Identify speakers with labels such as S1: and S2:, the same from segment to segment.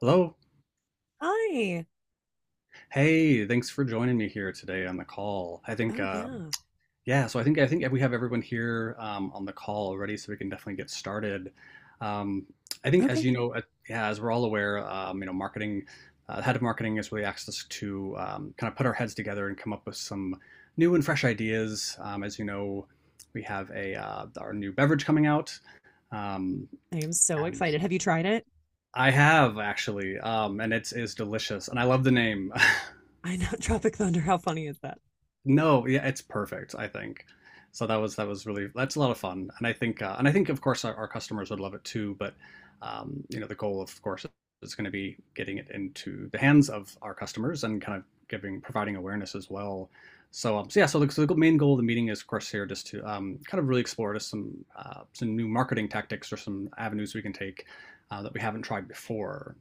S1: Hello.
S2: Hi.
S1: Hey, thanks for joining me here today on the call. I think,
S2: Oh, yeah.
S1: yeah, so I think we have everyone here on the call already, so we can definitely get started. Um, I think, as
S2: Okay.
S1: you know, yeah, as we're all aware, you know, marketing, head of marketing has really asked us to kind of put our heads together and come up with some new and fresh ideas. As you know, we have a our new beverage coming out, um,
S2: I am so
S1: and
S2: excited. Have you tried it?
S1: I have actually, and it's is delicious, and I love the name.
S2: I know. Tropic Thunder. How funny is that?
S1: No, yeah, it's perfect, I think. So that was really that's a lot of fun, and I think of course our customers would love it too. But you know the goal of course is going to be getting it into the hands of our customers and kind of giving providing awareness as well. So, so yeah, so the main goal of the meeting is of course here just to kind of really explore just some new marketing tactics or some avenues we can take that we haven't tried before.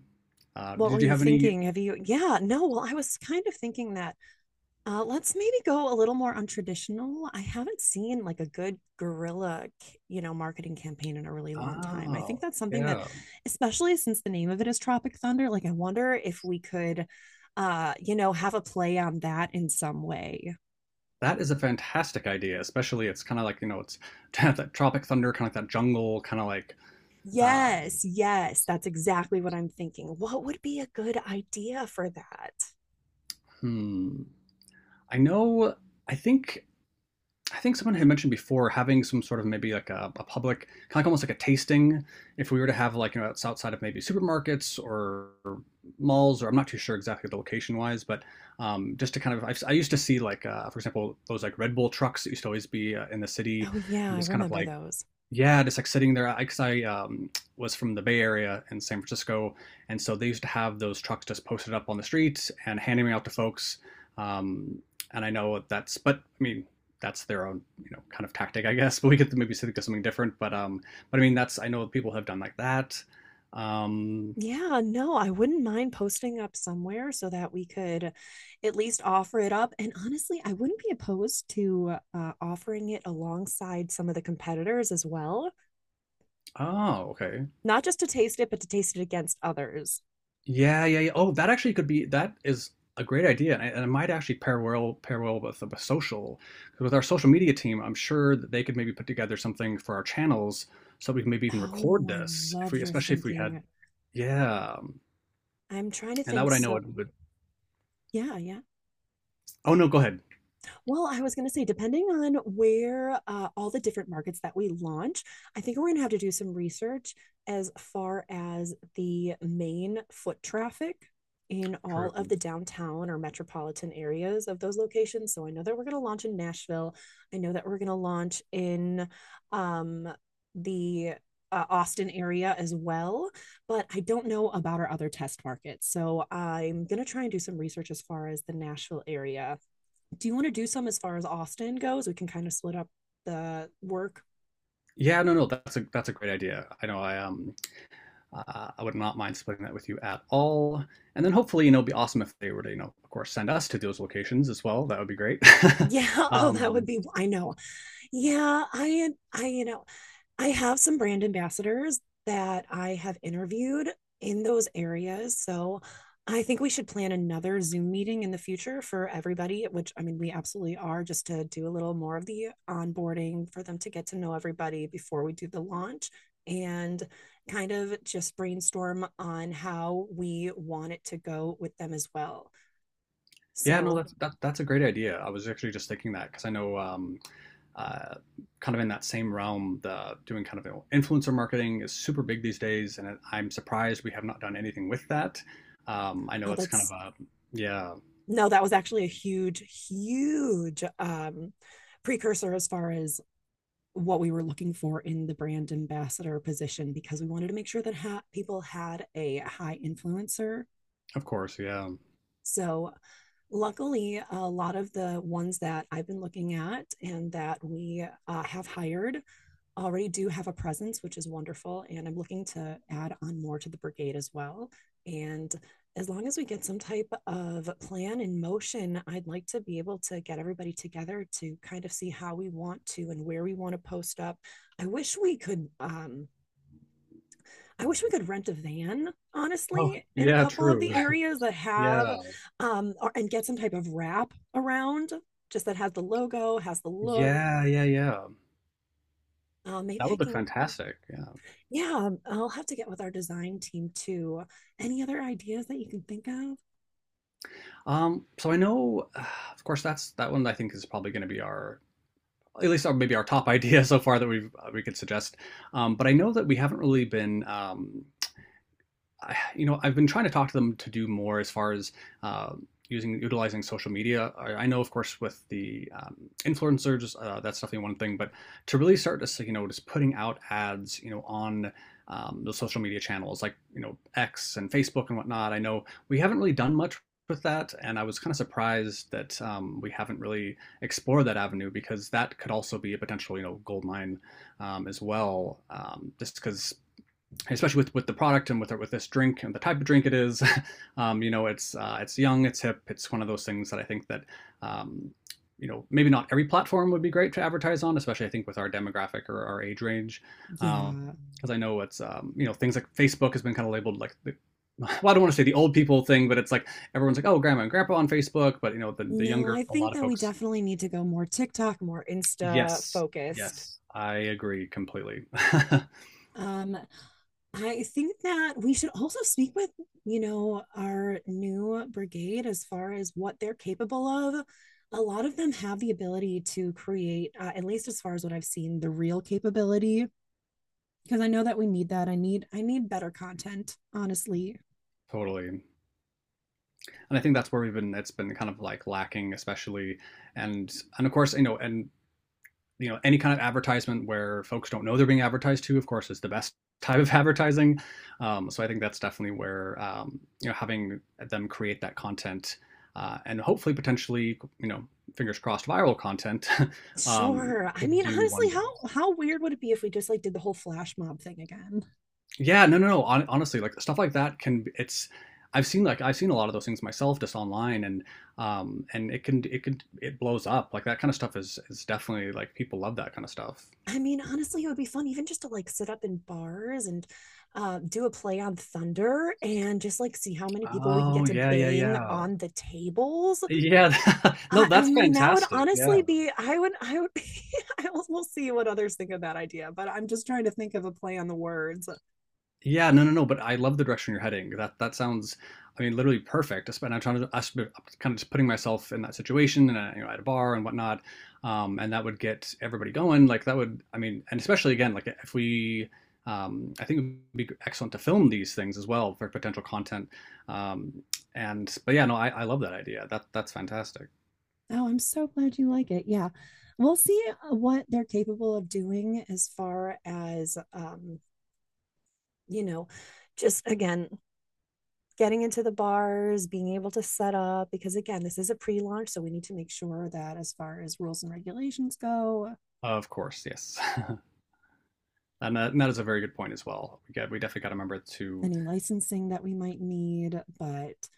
S2: What were
S1: Did you
S2: you
S1: have any?
S2: thinking? Have you? Yeah. No. Well, I was kind of thinking that. Let's maybe go a little more untraditional. I haven't seen like a good guerrilla, you know, marketing campaign in a really long time. I think
S1: Oh,
S2: that's something that,
S1: yeah.
S2: especially since the name of it is Tropic Thunder, like I wonder if we could, you know, have a play on that in some way.
S1: That is a fantastic idea, especially it's kind of like, you know, it's to have that Tropic Thunder, kind of like that jungle, kind of like, um,
S2: Yes, yes, that's exactly what I'm thinking. What would be a good idea for that?
S1: hmm. I know, I think, I think someone had mentioned before having some sort of maybe like a public, kind of like almost like a tasting. If we were to have like, you know, it's outside of maybe supermarkets or malls, or I'm not too sure exactly the location wise, but just to kind of, I used to see like, for example, those like Red Bull trucks that used to always be in the city
S2: Oh, yeah,
S1: and
S2: I
S1: just kind of
S2: remember
S1: like,
S2: those.
S1: yeah, just like sitting there, because I, um, was from the Bay Area in San Francisco, and so they used to have those trucks just posted up on the streets and handing them out to folks. Um, and I know that's, but I mean, that's their own, you know, kind of tactic, I guess. But we could maybe think of something different. But I mean, that's I know people have done like that. Um,
S2: Yeah, no, I wouldn't mind posting up somewhere so that we could at least offer it up. And honestly, I wouldn't be opposed to offering it alongside some of the competitors as well,
S1: oh, okay.
S2: not just to taste it, but to taste it against others.
S1: Yeah, yeah, yeah. Oh, that actually could be that is a great idea, and, I- and it might actually pair well with the social 'cause with our social media team. I'm sure that they could maybe put together something for our channels so we can maybe even record
S2: Oh, I
S1: this if
S2: love
S1: we,
S2: your
S1: especially if we had,
S2: thinking.
S1: yeah.
S2: I'm trying to
S1: And that
S2: think.
S1: would I know
S2: So,
S1: it would.
S2: yeah, yeah.
S1: Oh no, go ahead.
S2: Well, I was going to say, depending on where all the different markets that we launch, I think we're going to have to do some research as far as the main foot traffic in all of
S1: True.
S2: the downtown or metropolitan areas of those locations. So I know that we're going to launch in Nashville. I know that we're going to launch in um, the Austin area as well, but I don't know about our other test markets. So I'm going to try and do some research as far as the Nashville area. Do you want to do some as far as Austin goes? We can kind of split up the work.
S1: Yeah, no, no, that's a great idea. I know I would not mind splitting that with you at all. And then hopefully, you know, it'd be awesome if they were to, you know, of course, send us to those locations as well. That would be great.
S2: Yeah. Oh, that would
S1: Um,
S2: be, I know. Yeah. You know, I have some brand ambassadors that I have interviewed in those areas. So I think we should plan another Zoom meeting in the future for everybody, which I mean, we absolutely are, just to do a little more of the onboarding for them to get to know everybody before we do the launch and kind of just brainstorm on how we want it to go with them as well.
S1: yeah, no,
S2: So,
S1: that's that, that's a great idea. I was actually just thinking that because I know, uh, kind of in that same realm, the doing kind of influencer marketing is super big these days, and I'm surprised we have not done anything with that. I know
S2: oh,
S1: it's kind of
S2: that's —
S1: a, yeah,
S2: no, that was actually a huge, huge precursor as far as what we were looking for in the brand ambassador position because we wanted to make sure that people had a high influencer.
S1: of course, yeah.
S2: So, luckily, a lot of the ones that I've been looking at and that we have hired already do have a presence, which is wonderful. And I'm looking to add on more to the brigade as well. And as long as we get some type of plan in motion, I'd like to be able to get everybody together to kind of see how we want to and where we want to post up. I wish we could um I wish we could rent a van,
S1: Oh,
S2: honestly, in a
S1: yeah,
S2: couple of
S1: true.
S2: the areas that
S1: Yeah,
S2: have and get some type of wrap around, just that has the logo, has the look.
S1: yeah, yeah, yeah.
S2: Maybe
S1: That
S2: I
S1: would look
S2: can —
S1: fantastic. Yeah.
S2: yeah, I'll have to get with our design team too. Any other ideas that you can think of?
S1: So I know, of course, that's that one I think is probably going to be our at least our, maybe our top idea so far that we could suggest. But I know that we haven't really been I, you know, I've been trying to talk to them to do more as far as uh, using utilizing social media. I know, of course, with the influencers, that's definitely one thing. But to really start to, you know, just putting out ads, you know, on the social media channels like you know X and Facebook and whatnot. I know we haven't really done much with that, and I was kind of surprised that we haven't really explored that avenue because that could also be a potential you know gold mine as well. Just because especially with the product and with this drink and the type of drink it is, you know, it's young, it's hip, it's one of those things that I think that um, you know maybe not every platform would be great to advertise on, especially I think with our demographic or our age range. Um,
S2: Yeah.
S1: because I know it's you know things like Facebook has been kind of labeled like the well, I don't want to say the old people thing, but it's like everyone's like, oh, grandma and grandpa on Facebook, but you know, the
S2: No, I
S1: younger, a
S2: think
S1: lot of
S2: that we
S1: folks.
S2: definitely need to go more TikTok, more Insta
S1: Yes,
S2: focused.
S1: yes, I agree completely.
S2: Um, I think that we should also speak with, you know, our new brigade as far as what they're capable of. A lot of them have the ability to create, at least as far as what I've seen, the real capability. Because I know that we need that. I need better content, honestly.
S1: Totally. And I think that's where we've been. It's been kind of like lacking, especially, and of course, you know, and you know, any kind of advertisement where folks don't know they're being advertised to, of course, is the best type of advertising. So I think that's definitely where you know having them create that content and hopefully potentially you know fingers crossed viral content um,
S2: Sure. I
S1: could
S2: mean,
S1: do
S2: honestly,
S1: wonders.
S2: how weird would it be if we just like did the whole flash mob thing again?
S1: Yeah, no, no, no. Hon honestly, like stuff like that can be- it's I've seen a lot of those things myself just online and it blows up. Like that kind of stuff is definitely like people love that kind of stuff.
S2: I mean, honestly, it would be fun even just to like sit up in bars and do a play on thunder and just like see how many people we could
S1: Oh,
S2: get to
S1: yeah, yeah,
S2: bang
S1: yeah.
S2: on the tables.
S1: Yeah. No,
S2: I
S1: that's
S2: mean, that would
S1: fantastic. Yeah.
S2: honestly be. I would. I would. We'll see what others think of that idea. But I'm just trying to think of a play on the words.
S1: Yeah, no, no, no. But I love the direction you're heading. That sounds, I mean, literally perfect. And I'm kind of just putting myself in that situation, and you know, at a bar and whatnot, and that would get everybody going. I mean, and especially again, like if we, I think it would be excellent to film these things as well for potential content. Um, and but yeah, no, I love that idea. That's fantastic.
S2: Oh, I'm so glad you like it. Yeah, we'll see what they're capable of doing as far as you know, just again getting into the bars, being able to set up, because again, this is a pre launch. So we need to make sure that as far as rules and regulations go,
S1: Of course, yes. And that, and that is a very good point as well. We definitely got to remember to
S2: any licensing that we might need. But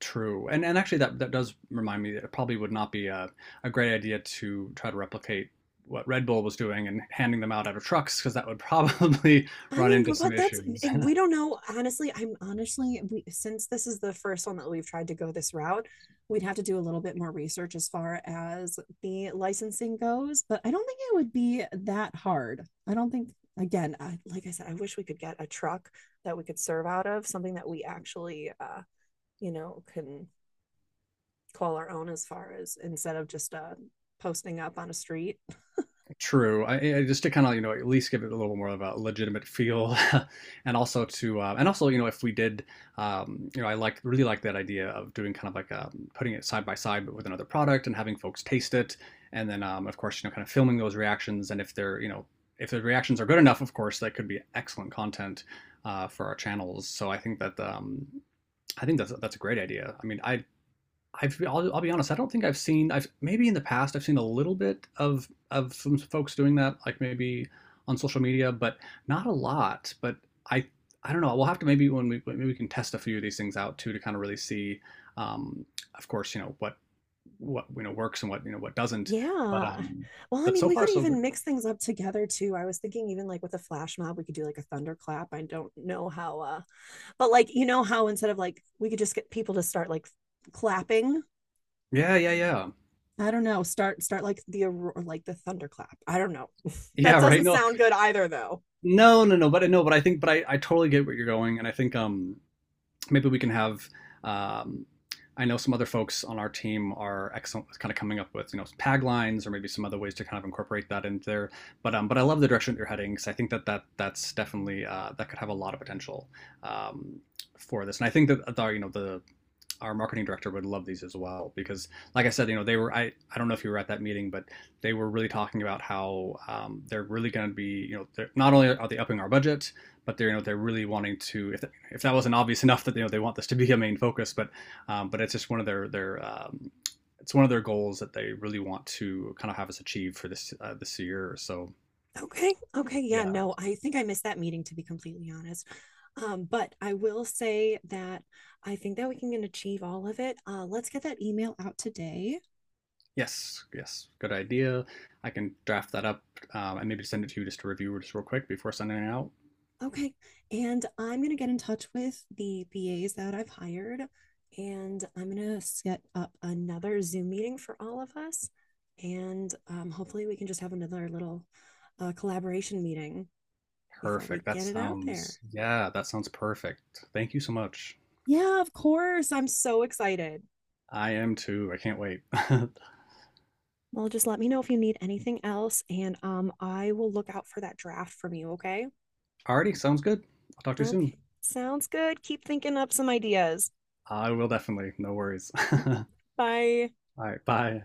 S1: true, and actually that that does remind me that it probably would not be a great idea to try to replicate what Red Bull was doing and handing them out out of trucks because that would probably
S2: I
S1: run
S2: mean,
S1: into some
S2: but that's —
S1: issues.
S2: and we don't know. Honestly, we, since this is the first one that we've tried to go this route, we'd have to do a little bit more research as far as the licensing goes. But I don't think it would be that hard. I don't think. Again, I, like I said, I wish we could get a truck that we could serve out of, something that we actually, you know, can call our own, as far as instead of just posting up on a street.
S1: True. I just to kind of, you know, at least give it a little more of a legitimate feel, and also to, and also, you know, if we did, you know, I like really like that idea of doing kind of like putting it side by side with another product and having folks taste it, and then, of course, you know, kind of filming those reactions, and if they're, you know, if the reactions are good enough, of course, that could be excellent content for our channels. So I think that, I think that's a great idea. I mean, I'll be honest. I don't think I've seen. I've maybe in the past I've seen a little bit of some folks doing that, like maybe on social media, but not a lot. But I I don't know. We'll have to maybe when we maybe we can test a few of these things out too to kind of really see. Um, of course, you know what you know works and what you know what doesn't. But
S2: Yeah.
S1: um,
S2: Well, I
S1: but
S2: mean,
S1: so
S2: we
S1: far
S2: could
S1: so good.
S2: even mix things up together too. I was thinking even like with a flash mob, we could do like a thunderclap. I don't know how but like, you know how, instead of like, we could just get people to start like clapping.
S1: Yeah, yeah, yeah,
S2: I don't know. Start like the aurora, like the thunderclap. I don't know. That
S1: yeah. Right.
S2: doesn't
S1: No,
S2: sound good either, though.
S1: no. But no, but I think, but I totally get where you're going, and I think maybe we can have. Um, I know some other folks on our team are excellent with kind of coming up with you know tag lines or maybe some other ways to kind of incorporate that into there. But I love the direction that you're heading because I think that that's definitely that could have a lot of potential um, for this. And I think that the you know the our marketing director would love these as well because, like I said, you know, they were I don't know if you were at that meeting, but they were really talking about how they're really going to be you know they're, not only are they upping our budget, but they're you know they're really wanting to if that wasn't obvious enough that you know they want this to be a main focus, but it's just one of their it's one of their goals that they really want to kind of have us achieve for this this year. Or So
S2: Okay. Okay. Yeah.
S1: yeah,
S2: No, I think I missed that meeting, to be completely honest. But I will say that I think that we can achieve all of it. Let's get that email out today.
S1: yes, yes, good idea. I can draft that up and maybe send it to you just to review just real quick before sending it out.
S2: Okay. And I'm going to get in touch with the BAs that I've hired, and I'm going to set up another Zoom meeting for all of us. And hopefully, we can just have another little collaboration meeting before we
S1: Perfect. That
S2: get it out there.
S1: sounds, yeah, that sounds perfect. Thank you so much.
S2: Yeah, of course. I'm so excited.
S1: I am too. I can't wait.
S2: Well, just let me know if you need anything else, and I will look out for that draft from you, okay?
S1: Alrighty, sounds good. I'll talk to you soon.
S2: Okay. Sounds good. Keep thinking up some ideas.
S1: I will definitely. No worries. All
S2: Bye.
S1: right, bye.